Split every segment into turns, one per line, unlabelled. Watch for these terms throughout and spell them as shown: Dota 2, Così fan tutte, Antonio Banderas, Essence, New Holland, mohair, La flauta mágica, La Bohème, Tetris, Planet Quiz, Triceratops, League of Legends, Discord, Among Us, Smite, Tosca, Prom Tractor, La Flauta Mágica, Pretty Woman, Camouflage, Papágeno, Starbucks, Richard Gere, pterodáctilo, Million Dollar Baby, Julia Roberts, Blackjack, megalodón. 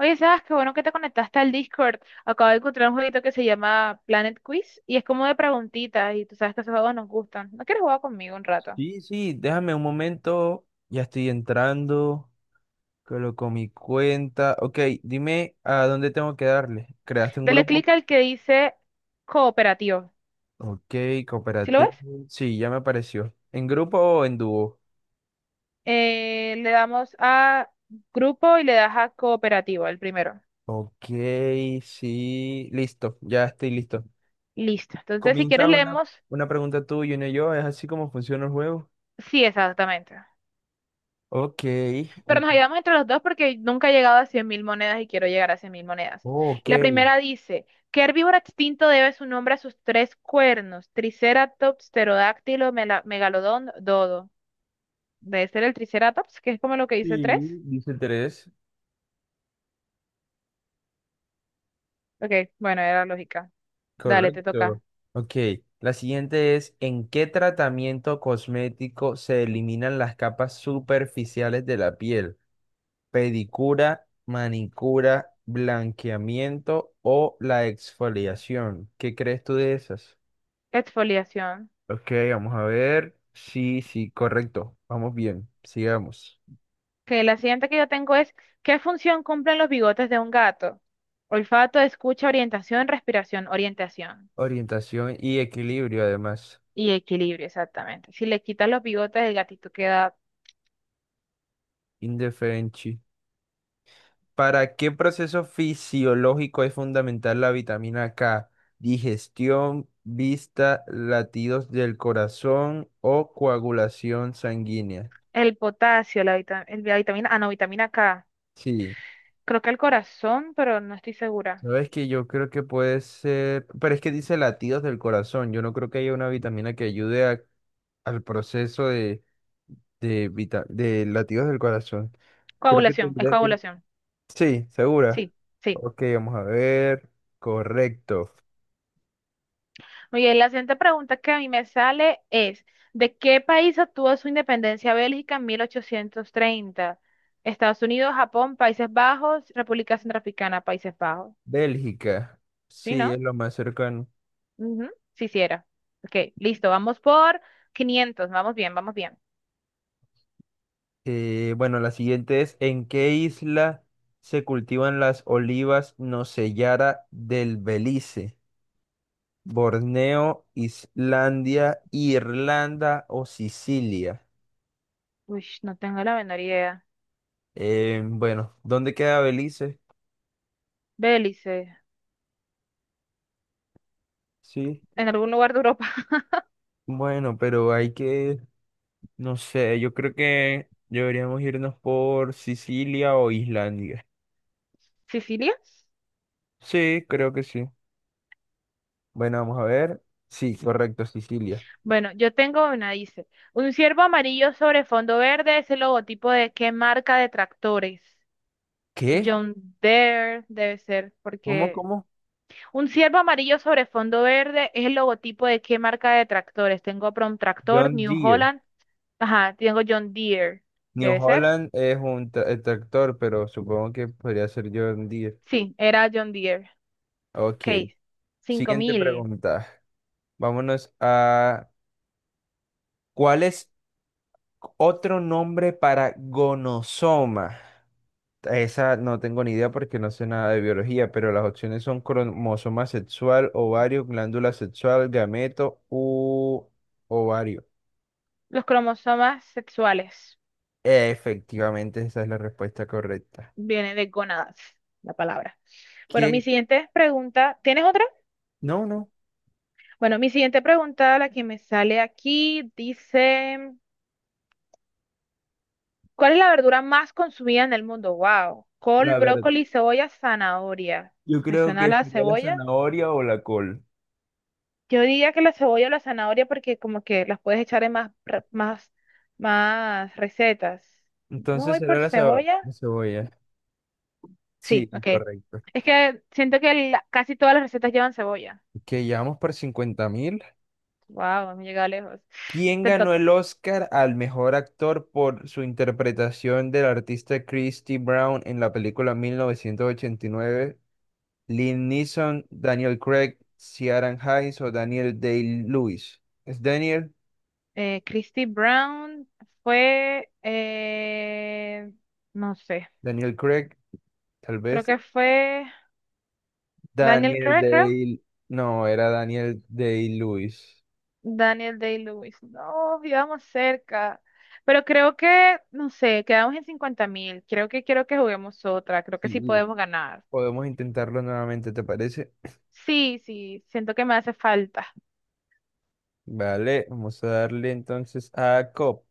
Oye, sabes qué bueno que te conectaste al Discord. Acabo de encontrar un jueguito que se llama Planet Quiz y es como de preguntitas y tú sabes que esos juegos nos gustan. ¿No quieres jugar conmigo un rato?
Sí, sí, déjame un momento, ya estoy entrando, coloco mi cuenta. Ok, dime a dónde tengo que darle. ¿Creaste un
Dale
grupo?
clic al que dice cooperativo.
Ok,
¿Sí lo ves?
cooperativo. Sí, ya me apareció. ¿En grupo o en dúo?
Le damos a grupo y le das a cooperativo, el primero.
Ok, sí, listo, ya estoy listo.
Listo. Entonces, si quieres,
Comienza una,
leemos.
una pregunta tú y una yo, ¿es así como funciona el juego?
Sí, exactamente.
Ok,
Pero nos ayudamos entre los dos porque nunca he llegado a 100.000 monedas y quiero llegar a 100.000 monedas.
oh, ok.
La primera dice, ¿qué herbívoro extinto debe su nombre a sus tres cuernos? Triceratops, pterodáctilo, megalodón, dodo. Debe ser el Triceratops, que es como lo que dice tres.
Sí, dice tres.
Ok, bueno, era lógica. Dale, te
Correcto.
toca.
Ok, la siguiente es, ¿en qué tratamiento cosmético se eliminan las capas superficiales de la piel? ¿Pedicura, manicura, blanqueamiento o la exfoliación? ¿Qué crees tú de esas?
Exfoliación.
Ok, vamos a ver. Sí, sí, correcto. Vamos bien, sigamos.
Que la siguiente que yo tengo es, ¿qué función cumplen los bigotes de un gato? Olfato, escucha, orientación, respiración, orientación.
Orientación y equilibrio, además.
Y equilibrio, exactamente. Si le quitas los bigotes, el gatito queda
Indefensi. ¿Para qué proceso fisiológico es fundamental la vitamina K? Digestión, vista, latidos del corazón o coagulación sanguínea.
el potasio, la vitamina, ah, no, vitamina K.
Sí,
Creo que el corazón, pero no estoy segura.
sabes que yo creo que puede ser, pero es que dice latidos del corazón. Yo no creo que haya una vitamina que ayude al proceso de latidos del corazón. Creo que
Coagulación, es
tendría que...
coagulación.
Sí, segura.
Sí, sí.
Ok, vamos a ver. Correcto.
Muy bien, la siguiente pregunta que a mí me sale es, ¿de qué país obtuvo su independencia Bélgica en 1830? Estados Unidos, Japón, Países Bajos, República Centroafricana, Países Bajos.
Bélgica.
¿Sí,
Sí,
no?
es lo más cercano.
Ujú. Sí, sí era. Ok, listo, vamos por 500, vamos bien, vamos bien.
Bueno, la siguiente es, ¿en qué isla se cultivan las olivas Nocellera del Belice? ¿Borneo, Islandia, Irlanda o Sicilia?
Uy, no tengo la menor idea.
Bueno, ¿dónde queda Belice?
Bélice,
Sí.
en algún lugar de Europa.
Bueno, pero hay que, no sé, yo creo que deberíamos irnos por Sicilia o Islandia.
¿Sicilia?
Sí, creo que sí. Bueno, vamos a ver. Sí, correcto, Sicilia.
Bueno, yo tengo una, dice. Un ciervo amarillo sobre fondo verde es el logotipo de qué marca de tractores.
¿Qué?
John Deere debe ser,
¿Cómo,
porque
cómo?
un ciervo amarillo sobre fondo verde es el logotipo de qué marca de tractores. Tengo Prom Tractor,
John
New
Deere.
Holland, ajá, tengo John Deere,
New
debe ser.
Holland es un el tractor, pero supongo que podría ser John Deere.
Sí, era John Deere.
Ok.
Ok, cinco
Siguiente
mil.
pregunta. Vámonos a... ¿Cuál es otro nombre para gonosoma? Esa no tengo ni idea porque no sé nada de biología, pero las opciones son cromosoma sexual, ovario, glándula sexual, gameto u ovario.
Los cromosomas sexuales.
Efectivamente, esa es la respuesta correcta.
Viene de gonadas la palabra. Bueno, mi
¿Qué?
siguiente pregunta, ¿tienes otra?
No, no.
Bueno, mi siguiente pregunta, la que me sale aquí, dice, ¿cuál es la verdura más consumida en el mundo? Wow, col,
La verdad.
brócoli, cebolla, zanahoria.
Yo
¿Me
creo
suena
que
la
sería la
cebolla?
zanahoria o la col.
Yo diría que la cebolla o la zanahoria porque como que las puedes echar en más, más recetas. Yo me
Entonces
voy
será
por
la, ceba-
cebolla.
la cebolla. Sí,
Sí, ok.
correcto.
Es que siento que casi todas las recetas llevan cebolla.
Que llevamos por 50.000.
Wow, hemos llegado lejos.
¿Quién
Te
ganó
toca.
el Oscar al mejor actor por su interpretación del artista Christy Brown en la película 1989? Lynn Neeson, Daniel Craig, Ciaran Hayes o Daniel Day-Lewis. ¿Es Daniel?
Christy Brown fue, no sé,
¿Daniel Craig? Tal
creo
vez.
que fue Daniel
Daniel
Craig, creo.
Day... No, era Daniel Day-Lewis.
Daniel Day-Lewis. No, íbamos cerca. Pero creo que, no sé, quedamos en 50 mil. Creo que quiero que juguemos otra. Creo que sí
Sí.
podemos ganar.
Podemos intentarlo nuevamente, ¿te parece?
Sí, sí, siento que me hace falta.
Vale, vamos a darle entonces a Cop,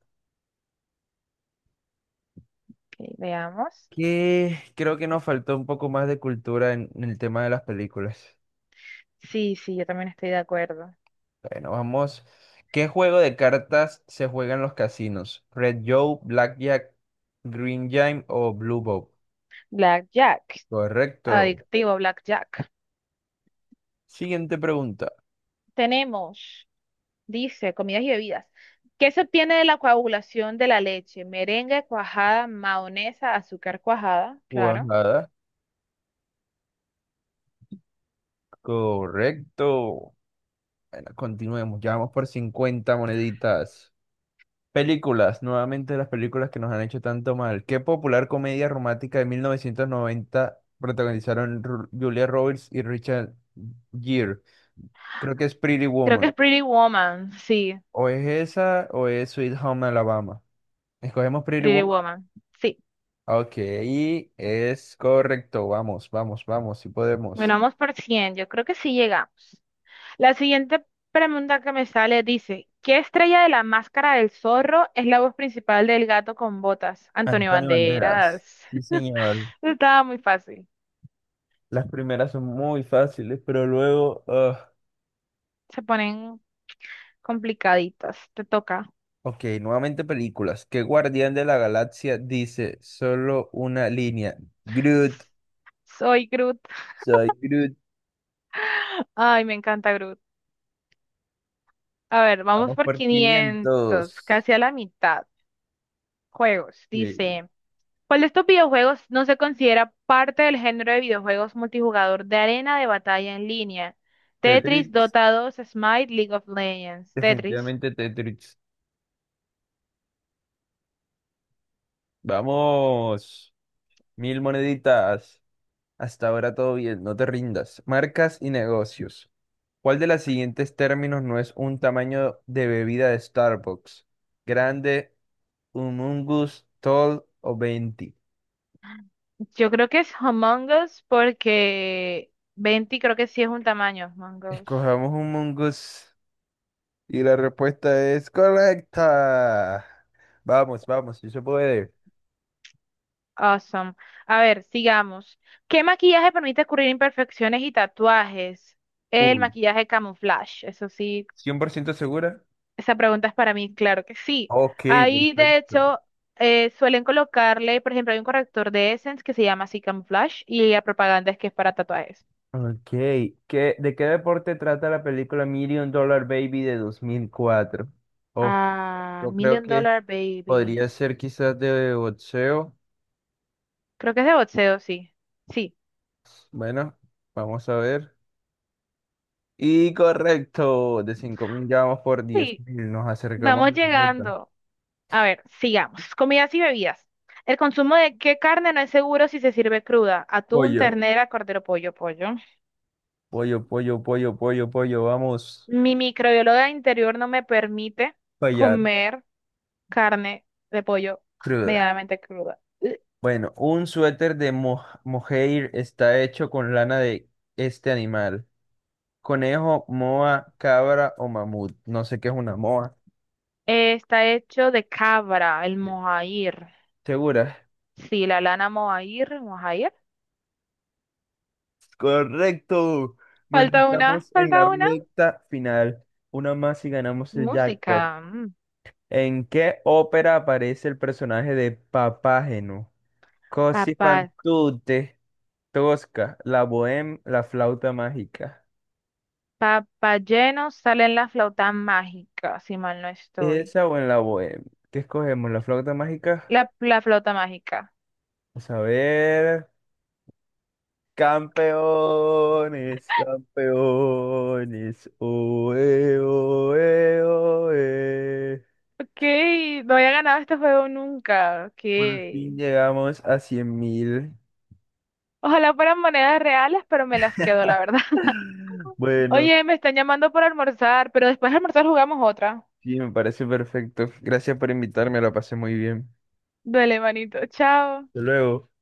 Ok, veamos.
que creo que nos faltó un poco más de cultura en el tema de las películas.
Sí, sí, yo también estoy de acuerdo.
Bueno, vamos. ¿Qué juego de cartas se juega en los casinos? ¿Red Joe, Blackjack, Green Jam o Blue Bob?
Blackjack.
Correcto.
Adictivo Blackjack.
Siguiente pregunta.
Tenemos. Dice, comidas y bebidas. ¿Qué se obtiene de la coagulación de la leche? Merengue, cuajada, mahonesa, azúcar cuajada, claro.
Cuajada. Correcto. Bueno, continuemos. Ya vamos por 50 moneditas. Películas, nuevamente las películas que nos han hecho tanto mal. ¿Qué popular comedia romántica de 1990 protagonizaron Julia Roberts y Richard Gere? Creo que es Pretty
Creo que es
Woman. O es esa o es Sweet Home Alabama. Escogemos Pretty
Pretty
Woman.
Woman. Sí,
Ok, es correcto. Vamos, vamos, vamos, si
bueno,
podemos.
vamos por 100 yo creo que sí llegamos. La siguiente pregunta que me sale dice, ¿qué estrella de la máscara del zorro es la voz principal del gato con botas? Antonio
Antonio Banderas.
Banderas.
Sí, señor.
Estaba muy fácil.
Las primeras son muy fáciles, pero luego, ah.
Se ponen complicaditas, te toca.
Ok, nuevamente películas. ¿Qué guardián de la galaxia dice solo una línea? Groot,
Soy Groot.
soy Groot.
Ay, me encanta Groot. A ver, vamos
Vamos
por
por
500,
500.
casi a la mitad. Juegos,
Sí.
dice. ¿Cuál de estos videojuegos no se considera parte del género de videojuegos multijugador de arena de batalla en línea? Tetris,
Tetris,
Dota 2, Smite, League of Legends. Tetris.
definitivamente Tetris. Vamos, 1.000 moneditas. Hasta ahora todo bien, no te rindas. Marcas y negocios. ¿Cuál de los siguientes términos no es un tamaño de bebida de Starbucks? Grande, humongous, tall o venti.
Yo creo que es Among Us porque 20 creo que sí es un tamaño. Among Us.
Escojamos humongous. Y la respuesta es correcta. Vamos, vamos, si se puede.
Awesome. A ver, sigamos. ¿Qué maquillaje permite cubrir imperfecciones y tatuajes? El
Uy,
maquillaje camuflaje. Eso sí.
¿100% segura?
Esa pregunta es para mí, claro que sí.
Ok,
Ahí, de
perfecto.
hecho, suelen colocarle, por ejemplo, hay un corrector de Essence que se llama así Camouflage y la propaganda es que es para tatuajes.
Ok, ¿de qué deporte trata la película Million Dollar Baby de 2004? Oh,
Ah,
yo creo
Million
que
Dollar Baby.
podría ser quizás de boxeo.
Creo que es de boxeo, sí. Sí,
Bueno, vamos a ver. Y correcto, de 5.000 ya vamos por diez
sí.
mil nos acercamos
Vamos
a la meta.
llegando. A ver, sigamos. Comidas y bebidas. El consumo de qué carne no es seguro si se sirve cruda. Atún,
Pollo,
ternera, cordero, pollo, pollo.
pollo, pollo, pollo, pollo, pollo, vamos.
Mi microbióloga interior no me permite
Fallar.
comer carne de pollo
Cruda.
medianamente cruda.
Bueno, un suéter de mohair está hecho con lana de este animal. Conejo, moa, cabra o mamut. No sé qué es una moa.
Está hecho de cabra, el mohair.
¿Segura?
Sí, la lana mohair, mohair.
Correcto. Bueno,
Falta una,
estamos en la
falta una.
recta final. Una más y ganamos el jackpot.
Música. Mm.
¿En qué ópera aparece el personaje de Papágeno? Così fan
Papá,
tutte, Tosca, La Bohème, La Flauta Mágica.
papá lleno sale en la flauta mágica, si mal no estoy.
¿Esa o en la bohemia? ¿Qué escogemos? ¿La flauta mágica?
La flauta mágica.
Vamos a ver. Campeones, campeones. Oe, oe, oe.
Ok, no había ganado este juego nunca. Ok.
Por fin llegamos a 100.000.
Ojalá fueran monedas reales, pero me las quedo, la verdad.
Bueno,
Oye, me están llamando por almorzar, pero después de almorzar jugamos otra.
sí, me parece perfecto. Gracias por invitarme, la pasé muy bien.
Duele manito. Chao.
Hasta luego.